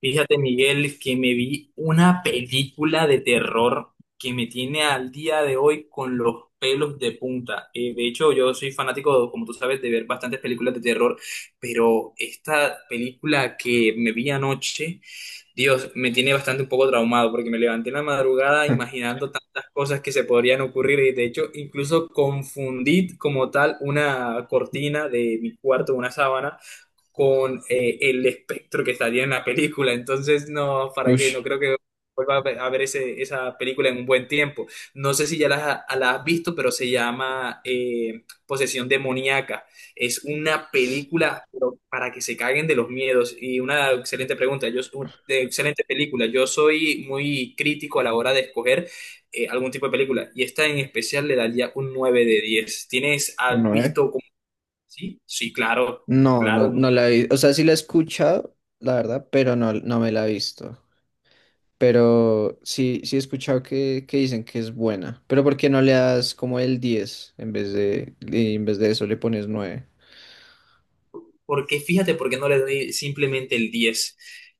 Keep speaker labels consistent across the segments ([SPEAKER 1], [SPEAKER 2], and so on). [SPEAKER 1] Fíjate, Miguel, que me vi una película de terror que me tiene al día de hoy con los pelos de punta. De hecho, yo soy fanático, como tú sabes, de ver bastantes películas de terror, pero esta película que me vi anoche, Dios, me tiene bastante un poco traumado porque me levanté en la madrugada imaginando tantas cosas que se podrían ocurrir y de hecho incluso confundí como tal una cortina de mi cuarto, una sábana con el espectro que estaría en la película. Entonces, no, ¿para qué?
[SPEAKER 2] Ush,
[SPEAKER 1] No creo que vuelva a ver esa película en un buen tiempo. No sé si ya la has visto, pero se llama Posesión Demoníaca. Es una película pero para que se caguen de los miedos. Y una excelente pregunta, de excelente película. Yo soy muy crítico a la hora de escoger algún tipo de película. Y esta en especial le daría un 9 de 10. ¿ Has
[SPEAKER 2] no, eh.
[SPEAKER 1] visto como... Sí, sí, claro,
[SPEAKER 2] No, no,
[SPEAKER 1] claro.
[SPEAKER 2] no la he visto. O sea, sí la he escuchado, la verdad, pero no, me la he visto. Pero sí, he escuchado que dicen que es buena. Pero ¿por qué no le das como el 10 en vez de, y en vez de eso le pones 9?
[SPEAKER 1] Porque fíjate por qué no le doy simplemente el 10.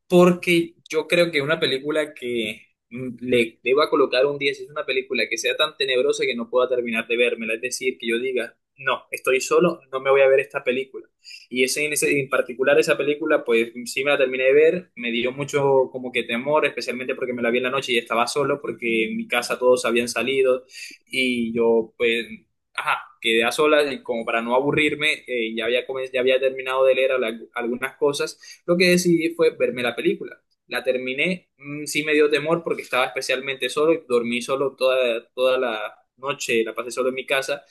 [SPEAKER 1] Porque yo creo que una película que le deba colocar un 10 es una película que sea tan tenebrosa que no pueda terminar de vérmela. Es decir, que yo diga, no, estoy solo, no me voy a ver esta película. En particular esa película, pues sí me la terminé de ver, me dio mucho como que temor, especialmente porque me la vi en la noche y estaba solo, porque en mi casa todos habían salido y yo pues ajá, quedé a solas y como para no aburrirme, ya había terminado de leer algunas cosas, lo que decidí fue verme la película. La terminé, sí me dio temor porque estaba especialmente solo y dormí solo toda la noche, la pasé solo en mi casa,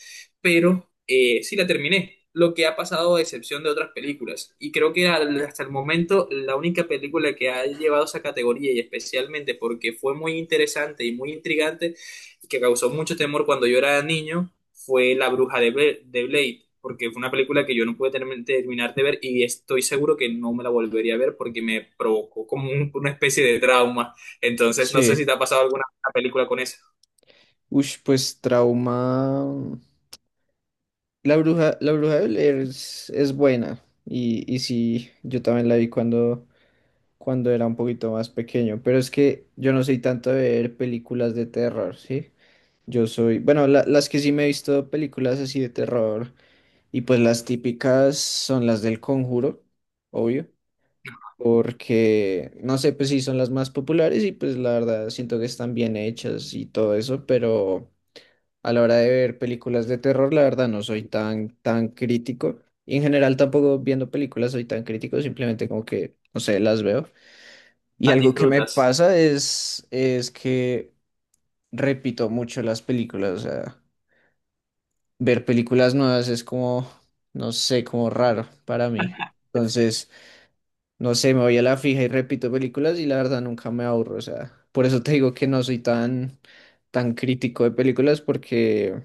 [SPEAKER 1] pero sí la terminé. Lo que ha pasado a excepción de otras películas. Y creo que hasta el momento la única película que ha llevado esa categoría y especialmente porque fue muy interesante y muy intrigante y que causó mucho temor cuando yo era niño fue La Bruja de Blade, porque fue una película que yo no pude terminar de ver y estoy seguro que no me la volvería a ver porque me provocó como una especie de trauma. Entonces, no sé si
[SPEAKER 2] Sí.
[SPEAKER 1] te ha pasado alguna película con eso.
[SPEAKER 2] Ush, pues trauma. La bruja de Blair es buena. Y sí, yo también la vi cuando era un poquito más pequeño. Pero es que yo no soy tanto de ver películas de terror, ¿sí? Yo soy, bueno, las que sí me he visto películas así de terror y pues las típicas son las del Conjuro, obvio, porque no sé, pues sí son las más populares y pues la verdad siento que están bien hechas y todo eso, pero a la hora de ver películas de terror, la verdad no soy tan crítico y en general tampoco viendo películas soy tan crítico, simplemente como que, no sé, las veo. Y
[SPEAKER 1] Las
[SPEAKER 2] algo que me
[SPEAKER 1] disfrutas.
[SPEAKER 2] pasa es que repito mucho las películas, o sea... ver películas nuevas es como, no sé, como raro para mí. Entonces, no sé, me voy a la fija y repito películas y la verdad nunca me aburro. O sea, por eso te digo que no soy tan crítico de películas porque,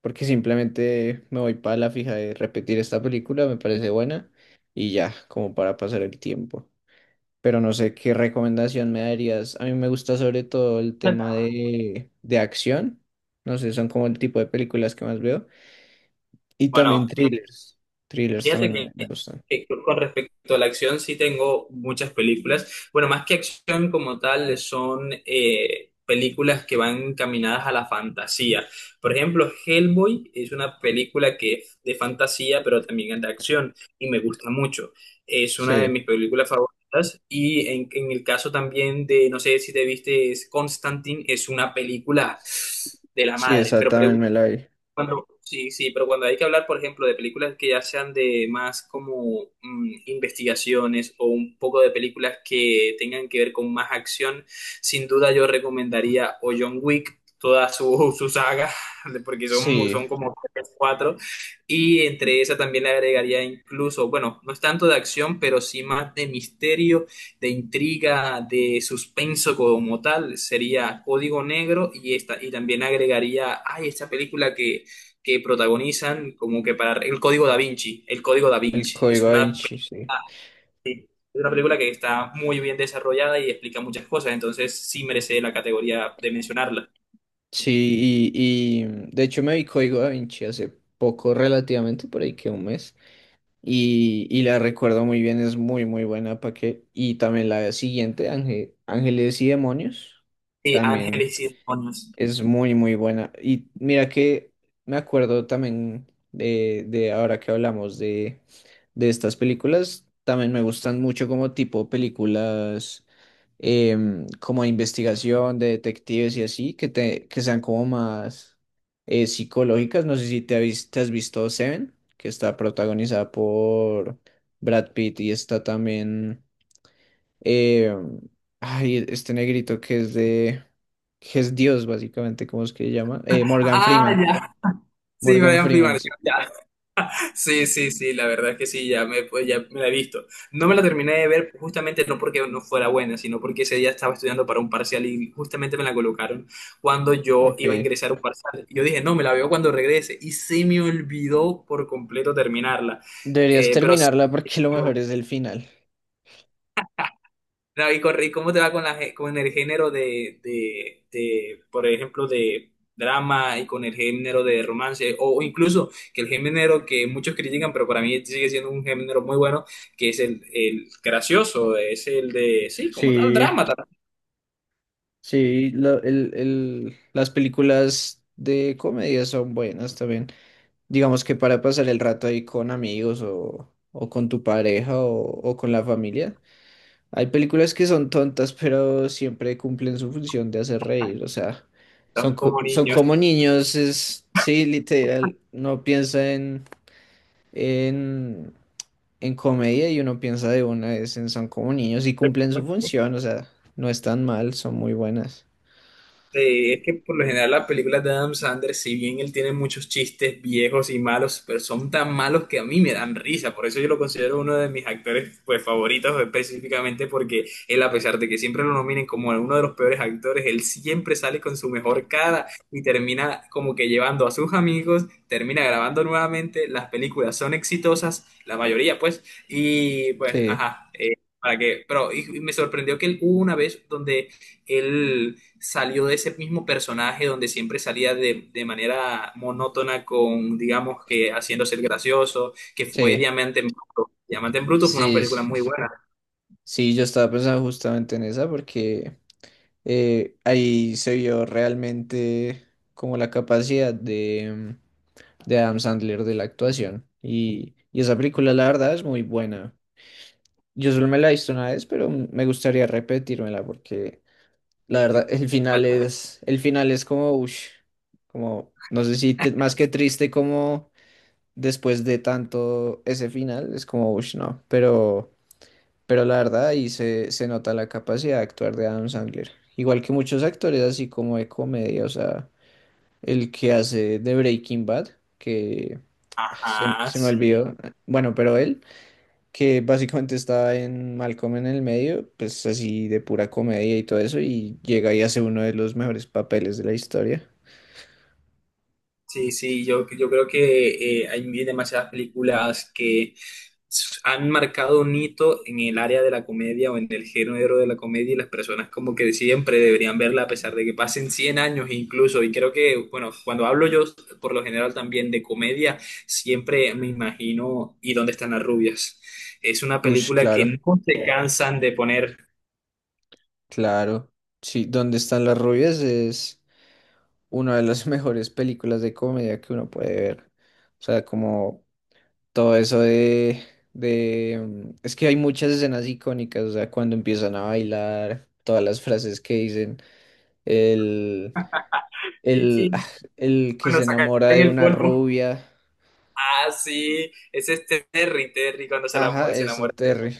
[SPEAKER 2] porque simplemente me voy para la fija de repetir esta película, me parece buena y ya, como para pasar el tiempo. Pero no sé qué recomendación me darías. A mí me gusta sobre todo el tema de acción. No sé, son como el tipo de películas que más veo. Y también
[SPEAKER 1] Bueno.
[SPEAKER 2] thrillers. Thrillers
[SPEAKER 1] Fíjate
[SPEAKER 2] también me
[SPEAKER 1] que,
[SPEAKER 2] gustan.
[SPEAKER 1] que con respecto a la acción sí tengo muchas películas. Bueno, más que acción como tal, son películas que van encaminadas a la fantasía. Por ejemplo, Hellboy es una película que es de fantasía, pero también es de acción y me gusta mucho. Es una de
[SPEAKER 2] Sí,
[SPEAKER 1] mis películas favoritas. Y en el caso también de, no sé si te viste, es Constantine, es una película de la
[SPEAKER 2] sí,
[SPEAKER 1] madre.
[SPEAKER 2] esa
[SPEAKER 1] Pero
[SPEAKER 2] también me la vi.
[SPEAKER 1] cuando, sí, sí, pero cuando hay que hablar, por ejemplo, de películas que ya sean de más como investigaciones o un poco de películas que tengan que ver con más acción, sin duda yo recomendaría o John Wick, toda su saga, porque
[SPEAKER 2] Sí,
[SPEAKER 1] son como tres, cuatro, y entre esa también le agregaría incluso, bueno, no es tanto de acción, pero sí más de misterio, de intriga, de suspenso como tal, sería Código Negro y esta, y también agregaría, ay, esta película que protagonizan como que para el Código Da Vinci, el Código Da
[SPEAKER 2] el
[SPEAKER 1] Vinci.
[SPEAKER 2] Código Da Vinci, sí.
[SPEAKER 1] Es una película que está muy bien desarrollada y explica muchas cosas, entonces sí merece la categoría de mencionarla.
[SPEAKER 2] Sí, y de hecho me vi Código Da Vinci hace poco, relativamente, por ahí que un mes. Y la recuerdo muy bien, es muy, muy buena. ¿Para qué? Y también la siguiente, Ángeles y Demonios.
[SPEAKER 1] Sí,
[SPEAKER 2] También.
[SPEAKER 1] Ángeles y Demonios.
[SPEAKER 2] Es muy, muy buena. Y mira que me acuerdo también de ahora que hablamos de estas películas, también me gustan mucho como tipo películas como de investigación, de detectives y así, que, te, que sean como más psicológicas. No sé si te, te has visto Seven, que está protagonizada por Brad Pitt y está también... Eh, ay, este negrito que es de... que es Dios, básicamente, ¿cómo es que se llama? Morgan
[SPEAKER 1] Ah,
[SPEAKER 2] Freeman.
[SPEAKER 1] ya. Sí,
[SPEAKER 2] Morgan
[SPEAKER 1] Brian
[SPEAKER 2] Freeman,
[SPEAKER 1] Pilar.
[SPEAKER 2] sí.
[SPEAKER 1] Sí, sí, sí, la verdad es que sí, ya me, pues, ya me la he visto. No me la terminé de ver justamente no porque no fuera buena, sino porque ese día estaba estudiando para un parcial y justamente me la colocaron cuando yo iba a
[SPEAKER 2] Ok.
[SPEAKER 1] ingresar a un parcial. Y yo dije, no, me la veo cuando regrese. Y se me olvidó por completo terminarla.
[SPEAKER 2] Deberías
[SPEAKER 1] Pero sí,
[SPEAKER 2] terminarla porque lo mejor es el final.
[SPEAKER 1] no, ¿Y cómo te va con con el género de por ejemplo, de drama y con el género de romance? O incluso que el género que muchos critican, pero para mí sigue siendo un género muy bueno, que es el gracioso, es el de, sí, como tal,
[SPEAKER 2] Sí,
[SPEAKER 1] drama, tal,
[SPEAKER 2] sí, las películas de comedia son buenas también. Digamos que para pasar el rato ahí con amigos o con tu pareja o con la familia, hay películas que son tontas, pero siempre cumplen su función de hacer reír. O sea, son,
[SPEAKER 1] tal como
[SPEAKER 2] son
[SPEAKER 1] niño.
[SPEAKER 2] como niños, es, sí, literal. No piensa en, en comedia y uno piensa de una vez en son como niños y cumplen su función. O sea, no están mal, son muy buenas.
[SPEAKER 1] Sí, es que por lo general las películas de Adam Sandler, si bien él tiene muchos chistes viejos y malos, pero son tan malos que a mí me dan risa. Por eso yo lo considero uno de mis actores pues, favoritos específicamente porque él, a pesar de que siempre lo nominen como uno de los peores actores, él siempre sale con su mejor cara y termina como que llevando a sus amigos, termina grabando nuevamente, las películas son exitosas, la mayoría pues, y pues,
[SPEAKER 2] Sí,
[SPEAKER 1] ajá. Para que, pero y me sorprendió que él hubo una vez donde él salió de ese mismo personaje donde siempre salía de manera monótona con, digamos, que haciéndose el gracioso, que fue
[SPEAKER 2] sí,
[SPEAKER 1] Diamante en Bruto. Diamante en Bruto fue una
[SPEAKER 2] sí,
[SPEAKER 1] película
[SPEAKER 2] sí.
[SPEAKER 1] muy buena.
[SPEAKER 2] Sí, yo estaba pensando justamente en esa porque ahí se vio realmente como la capacidad de Adam Sandler de la actuación. Y esa película, la verdad, es muy buena. Yo solo me la he visto una vez, pero me gustaría repetírmela porque la verdad,
[SPEAKER 1] y-
[SPEAKER 2] el final
[SPEAKER 1] ¿Vale?
[SPEAKER 2] el final es como, ush, como, no sé si más que triste, como después de tanto ese final, es como, ush, no, pero la verdad, ahí se nota la capacidad de actuar de Adam Sandler. Igual que muchos actores, así como de comedia, o sea, el que hace de Breaking Bad, que
[SPEAKER 1] Ajá,
[SPEAKER 2] se me
[SPEAKER 1] sí.
[SPEAKER 2] olvidó. Bueno, pero él, que básicamente está en Malcolm en el medio, pues así de pura comedia y todo eso, y llega y hace uno de los mejores papeles de la historia.
[SPEAKER 1] Sí, sí, yo creo que hay demasiadas películas que han marcado un hito en el área de la comedia o en el género de la comedia y las personas como que siempre deberían verla a pesar de que pasen 100 años incluso. Y creo que, bueno, cuando hablo yo por lo general también de comedia, siempre me imagino ¿y dónde están las rubias? Es una
[SPEAKER 2] Ush,
[SPEAKER 1] película que
[SPEAKER 2] claro,
[SPEAKER 1] no se cansan de poner
[SPEAKER 2] claro. Sí, ¿dónde están las rubias? Es una de las mejores películas de comedia que uno puede ver. O sea, como todo eso de... es que hay muchas escenas icónicas, o sea, cuando empiezan a bailar, todas las frases que dicen,
[SPEAKER 1] y
[SPEAKER 2] el,
[SPEAKER 1] que
[SPEAKER 2] ah, el que se
[SPEAKER 1] cuando sacan
[SPEAKER 2] enamora de
[SPEAKER 1] el
[SPEAKER 2] una
[SPEAKER 1] polvo.
[SPEAKER 2] rubia.
[SPEAKER 1] Ah, sí, ese es este Terry, Terry cuando se, la,
[SPEAKER 2] Ajá,
[SPEAKER 1] se
[SPEAKER 2] eso,
[SPEAKER 1] enamora.
[SPEAKER 2] Terry.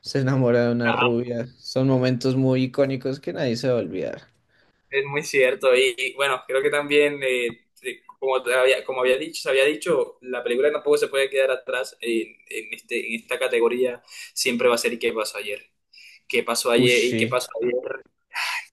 [SPEAKER 2] Se enamora de una rubia. Son momentos muy icónicos que nadie se va a olvidar.
[SPEAKER 1] Es muy cierto. Y, y, bueno, creo que también, como, te había, como había dicho, se había dicho, la película tampoco se puede quedar atrás en esta categoría. Siempre va a ser ¿y qué pasó ayer? ¿Qué pasó ayer y qué
[SPEAKER 2] Ushi,
[SPEAKER 1] pasó ayer?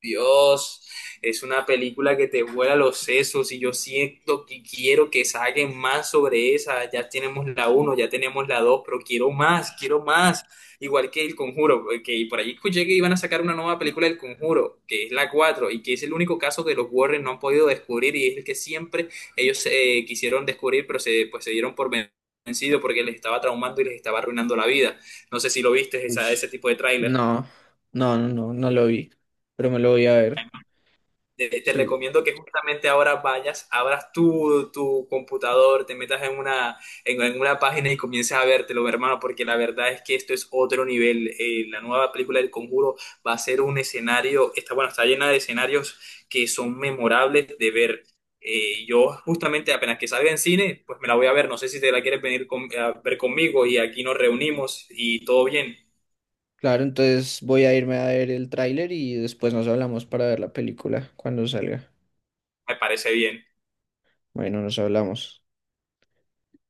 [SPEAKER 1] Dios, es una película que te vuela los sesos y yo siento que quiero que saquen más sobre esa. Ya tenemos la uno, ya tenemos la 2, pero quiero más, quiero más. Igual que El Conjuro, que por ahí escuché que iban a sacar una nueva película del Conjuro, que es la 4 y que es el único caso que los Warren no han podido descubrir y es el que siempre ellos quisieron descubrir, pero se, pues, se dieron por vencido porque les estaba traumando y les estaba arruinando la vida. No sé si lo viste
[SPEAKER 2] ushi.
[SPEAKER 1] ese tipo de tráiler.
[SPEAKER 2] No, no lo vi. Pero me lo voy a ver.
[SPEAKER 1] Te
[SPEAKER 2] Sí,
[SPEAKER 1] recomiendo que justamente ahora vayas, abras tu computador, te metas en una, en una página y comiences a vértelo, hermano, porque la verdad es que esto es otro nivel. La nueva película del Conjuro va a ser un escenario, está, bueno, está llena de escenarios que son memorables de ver. Yo justamente apenas que salga en cine, pues me la voy a ver. No sé si te la quieres venir a ver conmigo y aquí nos reunimos y todo bien.
[SPEAKER 2] claro, entonces voy a irme a ver el tráiler y después nos hablamos para ver la película cuando salga.
[SPEAKER 1] Me parece bien.
[SPEAKER 2] Bueno, nos hablamos.